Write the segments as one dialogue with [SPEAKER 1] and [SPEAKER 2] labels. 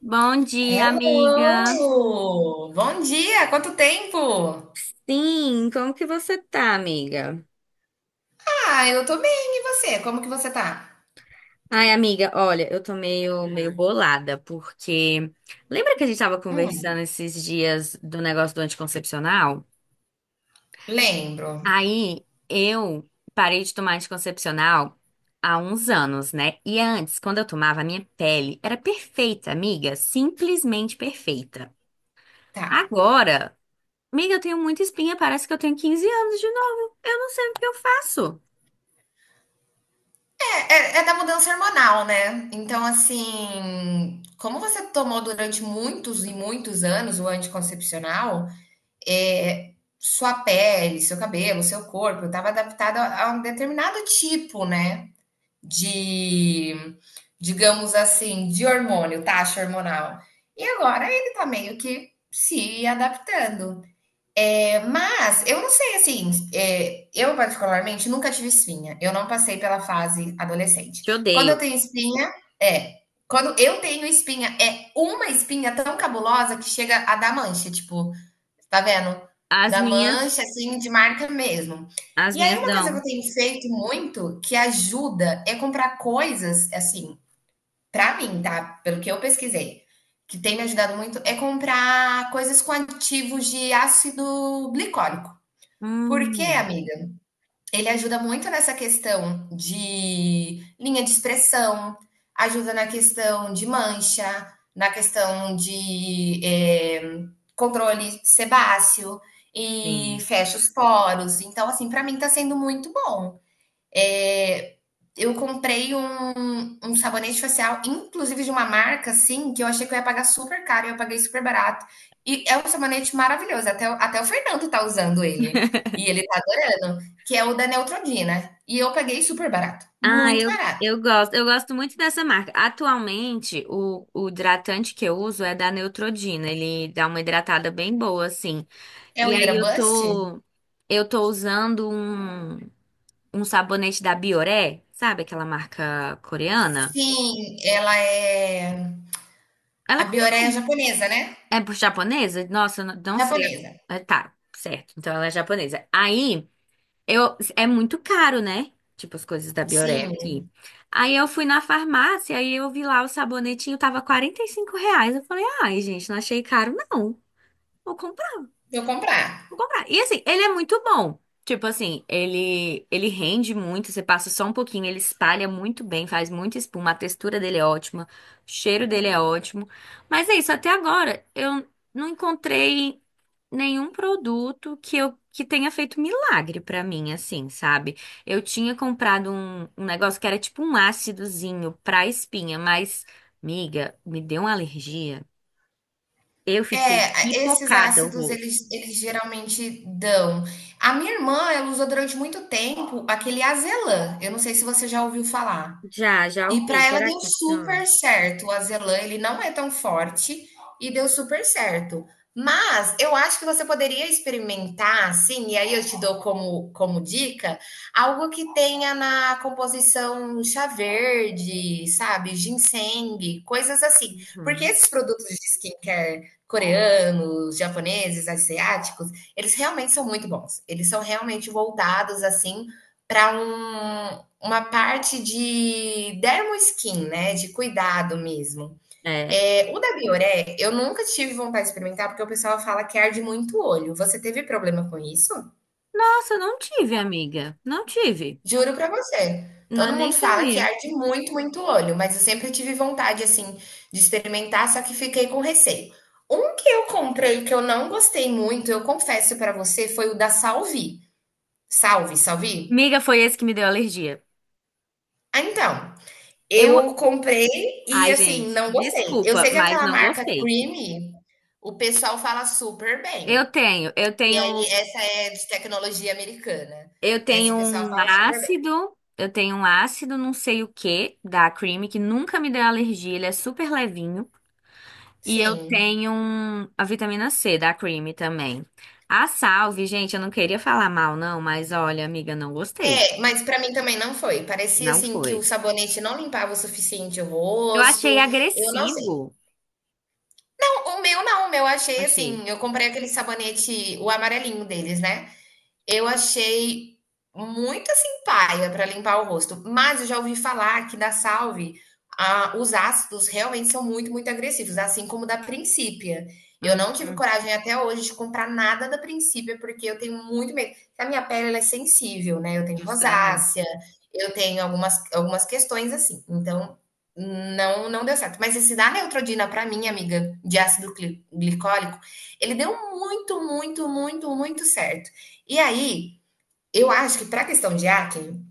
[SPEAKER 1] Bom dia, amiga.
[SPEAKER 2] Hello! Bom dia, quanto tempo?
[SPEAKER 1] Sim, como que você tá, amiga?
[SPEAKER 2] Ah, eu tô bem, e você? Como que você tá?
[SPEAKER 1] Ai, amiga, olha, eu tô meio bolada, porque lembra que a gente tava
[SPEAKER 2] Hum,
[SPEAKER 1] conversando esses dias do negócio do anticoncepcional?
[SPEAKER 2] lembro.
[SPEAKER 1] Aí eu parei de tomar anticoncepcional há uns anos, né? E antes, quando eu tomava, a minha pele era perfeita, amiga, simplesmente perfeita.
[SPEAKER 2] Tá.
[SPEAKER 1] Agora, amiga, eu tenho muita espinha, parece que eu tenho 15 anos de novo. Eu não sei o que eu faço.
[SPEAKER 2] É, é da mudança hormonal, né? Então, assim, como você tomou durante muitos e muitos anos o anticoncepcional, é, sua pele, seu cabelo, seu corpo estava adaptado a um determinado tipo, né? De, digamos assim, de hormônio, taxa hormonal. E agora ele tá meio que se adaptando. É, mas eu não sei assim, é, eu particularmente nunca tive espinha. Eu não passei pela fase adolescente.
[SPEAKER 1] Te
[SPEAKER 2] Quando eu
[SPEAKER 1] odeio.
[SPEAKER 2] tenho espinha, é. Quando eu tenho espinha, é uma espinha tão cabulosa que chega a dar mancha. Tipo, tá vendo?
[SPEAKER 1] As
[SPEAKER 2] Da
[SPEAKER 1] minhas,
[SPEAKER 2] mancha, assim, de marca mesmo.
[SPEAKER 1] as
[SPEAKER 2] E aí,
[SPEAKER 1] minhas
[SPEAKER 2] uma coisa que eu
[SPEAKER 1] dão.
[SPEAKER 2] tenho feito muito, que ajuda, é comprar coisas, assim, pra mim, tá? Pelo que eu pesquisei, que tem me ajudado muito, é comprar coisas com aditivos de ácido glicólico. Por quê,
[SPEAKER 1] Hum,
[SPEAKER 2] amiga? Ele ajuda muito nessa questão de linha de expressão, ajuda na questão de mancha, na questão de é, controle sebáceo e
[SPEAKER 1] sim.
[SPEAKER 2] fecha os poros. Então, assim, para mim tá sendo muito bom. É, eu comprei um sabonete facial, inclusive de uma marca, assim, que eu achei que eu ia pagar super caro e eu paguei super barato. E é um sabonete maravilhoso, até, até o Fernando tá usando ele. E ele tá adorando, que é o da Neutrodina. E eu paguei super barato,
[SPEAKER 1] Ah,
[SPEAKER 2] muito barato.
[SPEAKER 1] eu gosto. Eu gosto muito dessa marca. Atualmente, o hidratante que eu uso é da Neutrogena. Ele dá uma hidratada bem boa, assim.
[SPEAKER 2] É o
[SPEAKER 1] E aí
[SPEAKER 2] Hydra Bust?
[SPEAKER 1] eu tô usando um sabonete da Bioré, sabe? Aquela marca coreana.
[SPEAKER 2] Sim, ela é
[SPEAKER 1] Ela é,
[SPEAKER 2] a Bioreia japonesa, né?
[SPEAKER 1] é por japonesa? Nossa, eu não sei.
[SPEAKER 2] Japonesa.
[SPEAKER 1] É, tá, certo. Então ela é japonesa. Aí. Eu, é muito caro, né? Tipo, as coisas da Bioré
[SPEAKER 2] Sim,
[SPEAKER 1] aqui. Aí eu fui na farmácia, aí eu vi lá o sabonetinho, tava R$ 45. Eu falei, ai, gente, não achei caro, não. Vou
[SPEAKER 2] vou comprar.
[SPEAKER 1] Vou comprar. E assim, ele é muito bom. Tipo assim, ele rende muito, você passa só um pouquinho, ele espalha muito bem, faz muita espuma, a textura dele é ótima, o cheiro dele é ótimo. Mas é isso, até agora eu não encontrei nenhum produto que tenha feito milagre pra mim, assim, sabe? Eu tinha comprado um negócio que era tipo um ácidozinho pra espinha, mas, miga, me deu uma alergia. Eu fiquei
[SPEAKER 2] É, esses
[SPEAKER 1] pipocada o
[SPEAKER 2] ácidos
[SPEAKER 1] rosto.
[SPEAKER 2] eles, eles geralmente dão. A minha irmã, ela usou durante muito tempo aquele azelã. Eu não sei se você já ouviu falar.
[SPEAKER 1] Já
[SPEAKER 2] E
[SPEAKER 1] ouvi.
[SPEAKER 2] para ela
[SPEAKER 1] Será que
[SPEAKER 2] deu
[SPEAKER 1] funciona?
[SPEAKER 2] super certo. O azelã, ele não é tão forte e deu super certo. Mas eu acho que você poderia experimentar, assim, e aí eu te dou como, como dica, algo que tenha na composição chá verde, sabe? Ginseng, coisas assim. Porque
[SPEAKER 1] Uhum.
[SPEAKER 2] esses produtos de skincare coreanos, japoneses, asiáticos, eles realmente são muito bons. Eles são realmente voltados, assim, para um, uma parte de dermo skin né, de cuidado mesmo.
[SPEAKER 1] É.
[SPEAKER 2] É, o da Bioré, eu nunca tive vontade de experimentar, porque o pessoal fala que arde muito o olho. Você teve problema com isso?
[SPEAKER 1] Nossa, eu não tive, amiga. Não tive.
[SPEAKER 2] Juro pra você.
[SPEAKER 1] Não,
[SPEAKER 2] Todo
[SPEAKER 1] nem
[SPEAKER 2] mundo fala que
[SPEAKER 1] sabia.
[SPEAKER 2] arde muito, muito o olho, mas eu sempre tive vontade, assim, de experimentar, só que fiquei com receio. Um que eu comprei que eu não gostei muito, eu confesso pra você, foi o da Salvi. Salve, Salvi?
[SPEAKER 1] Miga, foi esse que me deu alergia.
[SPEAKER 2] Ah, então.
[SPEAKER 1] Eu,
[SPEAKER 2] Eu comprei e,
[SPEAKER 1] ai,
[SPEAKER 2] assim,
[SPEAKER 1] gente,
[SPEAKER 2] não gostei. Eu
[SPEAKER 1] desculpa,
[SPEAKER 2] sei que
[SPEAKER 1] mas
[SPEAKER 2] aquela
[SPEAKER 1] não
[SPEAKER 2] marca
[SPEAKER 1] gostei.
[SPEAKER 2] Creamy, o pessoal fala super bem.
[SPEAKER 1] Eu tenho, eu
[SPEAKER 2] E aí,
[SPEAKER 1] tenho,
[SPEAKER 2] essa é de tecnologia americana.
[SPEAKER 1] eu
[SPEAKER 2] Essa
[SPEAKER 1] tenho
[SPEAKER 2] o pessoal
[SPEAKER 1] um
[SPEAKER 2] fala super bem.
[SPEAKER 1] ácido, eu tenho um ácido não sei o que da Cream que nunca me deu alergia, ele é super levinho. E eu
[SPEAKER 2] Sim.
[SPEAKER 1] tenho a vitamina C da Cream também. A Salve, gente, eu não queria falar mal não, mas olha, amiga, não gostei.
[SPEAKER 2] É, mas pra mim também não foi. Parecia,
[SPEAKER 1] Não
[SPEAKER 2] assim, que o
[SPEAKER 1] foi.
[SPEAKER 2] sabonete não limpava o suficiente o
[SPEAKER 1] Eu
[SPEAKER 2] rosto.
[SPEAKER 1] achei
[SPEAKER 2] Eu não sei.
[SPEAKER 1] agressivo.
[SPEAKER 2] Não, o meu não. O meu eu achei,
[SPEAKER 1] Achei.
[SPEAKER 2] assim, eu comprei aquele sabonete, o amarelinho deles, né? Eu achei muito assim paia para limpar o rosto, mas eu já ouvi falar que da Salve, os ácidos realmente são muito, muito agressivos, assim como da Princípia. Eu
[SPEAKER 1] Hum,
[SPEAKER 2] não tive coragem até hoje de comprar nada da Princípia, porque eu tenho muito medo. A minha pele ela é sensível, né? Eu tenho
[SPEAKER 1] justamente.
[SPEAKER 2] rosácea, eu tenho algumas, algumas questões assim. Então, não, não deu certo. Mas esse da Neutrodina, para mim, amiga, de ácido glicólico, ele deu muito, muito, muito, muito certo. E aí, eu acho que para a questão de hacking,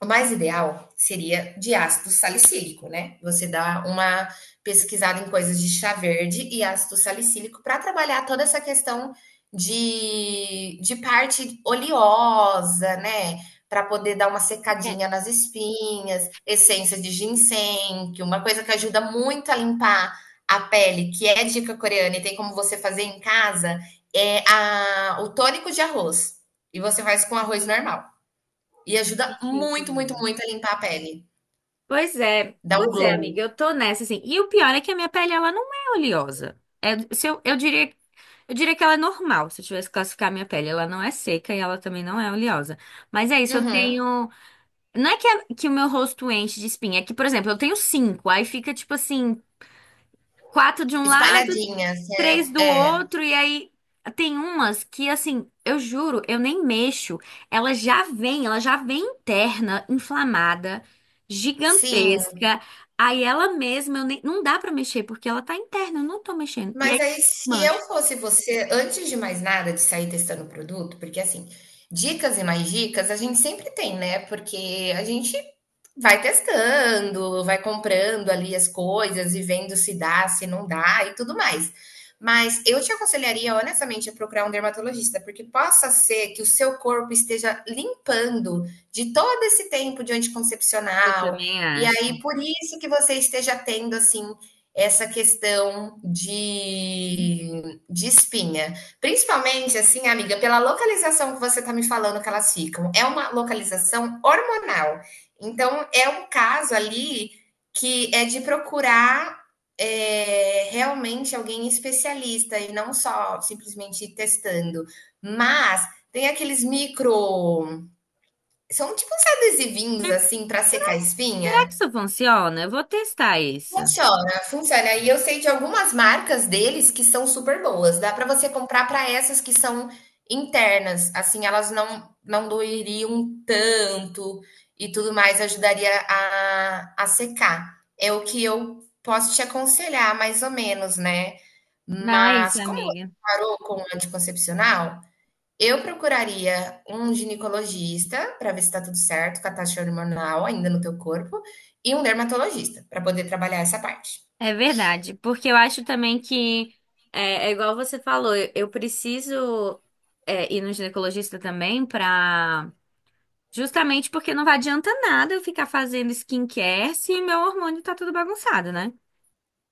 [SPEAKER 2] o mais ideal seria de ácido salicílico, né? Você dá uma pesquisada em coisas de chá verde e ácido salicílico para trabalhar toda essa questão de parte oleosa, né? Para poder dar uma
[SPEAKER 1] É,
[SPEAKER 2] secadinha nas espinhas, essência de ginseng, que uma coisa que ajuda muito a limpar a pele, que é dica coreana e tem como você fazer em casa, é a, o tônico de arroz. E você faz com arroz normal. E
[SPEAKER 1] que
[SPEAKER 2] ajuda
[SPEAKER 1] chique
[SPEAKER 2] muito, muito,
[SPEAKER 1] mesmo.
[SPEAKER 2] muito a limpar a pele. Dá um
[SPEAKER 1] Pois é,
[SPEAKER 2] glow.
[SPEAKER 1] amiga, eu tô nessa assim. E o pior é que a minha pele ela não é oleosa. É, se eu, eu diria que ela é normal, se eu tivesse que classificar a minha pele, ela não é seca e ela também não é oleosa. Mas é isso, eu
[SPEAKER 2] Uhum.
[SPEAKER 1] tenho, não é que, que o meu rosto enche de espinha, é que, por exemplo, eu tenho cinco, aí fica tipo assim, quatro de um lado,
[SPEAKER 2] Espalhadinhas,
[SPEAKER 1] três
[SPEAKER 2] né?
[SPEAKER 1] do
[SPEAKER 2] É.
[SPEAKER 1] outro, e aí tem umas que, assim, eu juro, eu nem mexo. Ela já vem interna, inflamada,
[SPEAKER 2] Sim.
[SPEAKER 1] gigantesca. Aí ela mesma, eu nem, não dá pra mexer, porque ela tá interna, eu não tô mexendo. E aí,
[SPEAKER 2] Mas aí, se eu
[SPEAKER 1] mancha.
[SPEAKER 2] fosse você, antes de mais nada, de sair testando o produto, porque assim, dicas e mais dicas a gente sempre tem, né? Porque a gente vai testando, vai comprando ali as coisas e vendo se dá, se não dá e tudo mais. Mas eu te aconselharia, honestamente, a procurar um dermatologista, porque possa ser que o seu corpo esteja limpando de todo esse tempo de
[SPEAKER 1] Eu
[SPEAKER 2] anticoncepcional,
[SPEAKER 1] também
[SPEAKER 2] e aí
[SPEAKER 1] acho.
[SPEAKER 2] por isso que você esteja tendo, assim, essa questão de espinha. Principalmente, assim, amiga, pela localização que você está me falando que elas ficam. É uma localização hormonal. Então, é um caso ali que é de procurar é, realmente alguém especialista e não só simplesmente ir testando. Mas tem aqueles micro. São tipo uns adesivinhos assim para secar
[SPEAKER 1] Será
[SPEAKER 2] espinha.
[SPEAKER 1] que isso funciona? Eu vou testar isso.
[SPEAKER 2] Funciona, funciona. E eu sei de algumas marcas deles que são super boas. Dá para você comprar para essas que são internas, assim, elas não doeriam tanto e tudo mais, ajudaria a secar. É o que eu posso te aconselhar, mais ou menos, né?
[SPEAKER 1] Não é isso,
[SPEAKER 2] Mas como você
[SPEAKER 1] amiga.
[SPEAKER 2] parou com o anticoncepcional, eu procuraria um ginecologista para ver se está tudo certo com a taxa hormonal ainda no teu corpo e um dermatologista para poder trabalhar essa parte.
[SPEAKER 1] É verdade, porque eu acho também que é, é igual você falou, eu preciso é, ir no ginecologista também. Para Justamente porque não vai adianta nada eu ficar fazendo skincare se meu hormônio tá tudo bagunçado, né?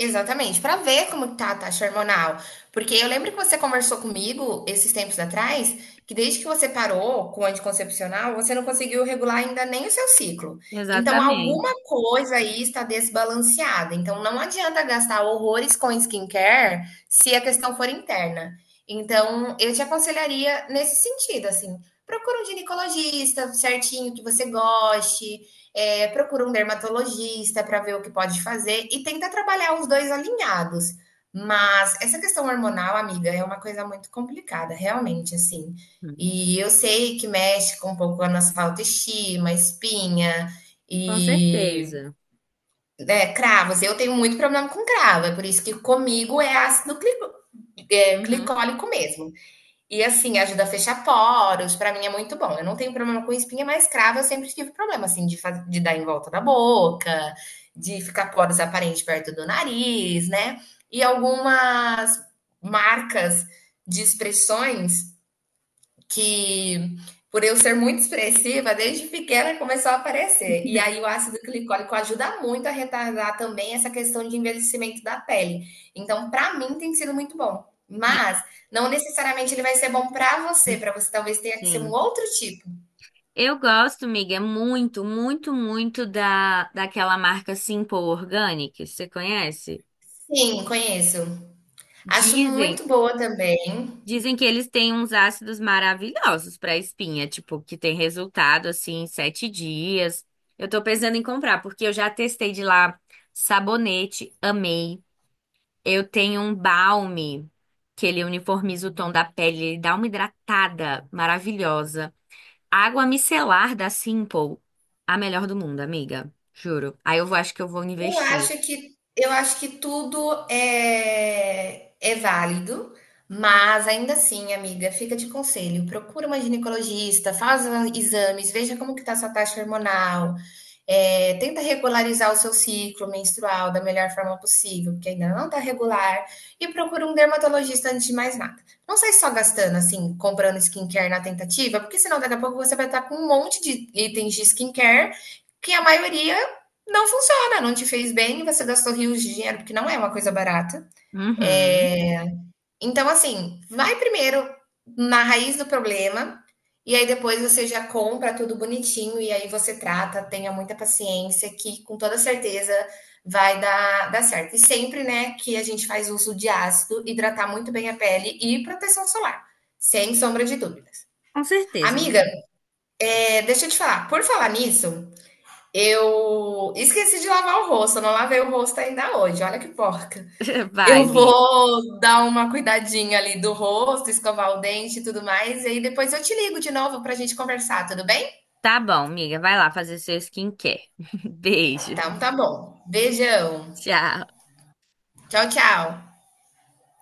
[SPEAKER 2] Exatamente, para ver como tá a taxa hormonal. Porque eu lembro que você conversou comigo esses tempos atrás, que desde que você parou com o anticoncepcional, você não conseguiu regular ainda nem o seu ciclo. Então,
[SPEAKER 1] Exatamente.
[SPEAKER 2] alguma coisa aí está desbalanceada. Então, não adianta gastar horrores com skincare se a questão for interna. Então, eu te aconselharia nesse sentido, assim, procura um ginecologista certinho que você goste, é, procura um dermatologista para ver o que pode fazer e tenta trabalhar os dois alinhados. Mas essa questão hormonal, amiga, é uma coisa muito complicada, realmente, assim.
[SPEAKER 1] Uhum.
[SPEAKER 2] E eu sei que mexe com um pouco a nossa autoestima, espinha
[SPEAKER 1] Com
[SPEAKER 2] e
[SPEAKER 1] certeza.
[SPEAKER 2] né, cravos. Eu tenho muito problema com cravo, é por isso que comigo é ácido é,
[SPEAKER 1] Uhum.
[SPEAKER 2] glicólico mesmo. E assim, ajuda a fechar poros, pra mim é muito bom. Eu não tenho problema com espinha, mas cravo eu sempre tive problema, assim, de, de dar em volta da boca, de ficar poros aparentes perto do nariz, né? E algumas marcas de expressões que por eu ser muito expressiva, desde pequena começou a aparecer. E aí o ácido glicólico ajuda muito a retardar também essa questão de envelhecimento da pele. Então, para mim tem sido muito bom.
[SPEAKER 1] Né?
[SPEAKER 2] Mas não necessariamente ele vai ser bom para você talvez tenha que ser um
[SPEAKER 1] Sim.
[SPEAKER 2] outro tipo.
[SPEAKER 1] Eu gosto, miga, muito, muito, muito daquela marca Simple Organic, você conhece?
[SPEAKER 2] Sim, conheço. Acho
[SPEAKER 1] Dizem,
[SPEAKER 2] muito boa também.
[SPEAKER 1] dizem que eles têm uns ácidos maravilhosos para espinha, tipo, que tem resultado assim em 7 dias. Eu tô pensando em comprar, porque eu já testei de lá sabonete, amei. Eu tenho um balme que ele uniformiza o tom da pele, ele dá uma hidratada maravilhosa. A água micelar da Simple, a melhor do mundo, amiga. Juro. Aí eu vou, acho que eu vou investir.
[SPEAKER 2] Eu acho que tudo é, é válido, mas ainda assim, amiga, fica de conselho. Procura uma ginecologista, faz a- exames, veja como que está sua taxa hormonal, é, tenta regularizar o seu ciclo menstrual da melhor forma possível, porque ainda não está regular, e procura um dermatologista antes de mais nada. Não sai só gastando, assim, comprando skincare na tentativa, porque senão daqui a pouco você vai estar com um monte de itens de skincare que a maioria não funciona, não te fez bem, você gastou rios de dinheiro, porque não é uma coisa barata.
[SPEAKER 1] Uhum.
[SPEAKER 2] É, então, assim, vai primeiro na raiz do problema, e aí depois você já compra tudo bonitinho, e aí você trata, tenha muita paciência, que com toda certeza vai dar certo. E sempre, né, que a gente faz uso de ácido, hidratar muito bem a pele e proteção solar, sem sombra de dúvidas.
[SPEAKER 1] Com certeza,
[SPEAKER 2] Amiga,
[SPEAKER 1] amiga.
[SPEAKER 2] é, deixa eu te falar, por falar nisso, eu esqueci de lavar o rosto, eu não lavei o rosto ainda hoje, olha que porca. Eu
[SPEAKER 1] Vai, Vi.
[SPEAKER 2] vou dar uma cuidadinha ali do rosto, escovar o dente e tudo mais, e aí depois eu te ligo de novo para a gente conversar, tudo bem?
[SPEAKER 1] Tá bom, amiga. Vai lá fazer seu skincare. Beijo.
[SPEAKER 2] Então tá bom. Beijão.
[SPEAKER 1] Tchau.
[SPEAKER 2] Tchau, tchau.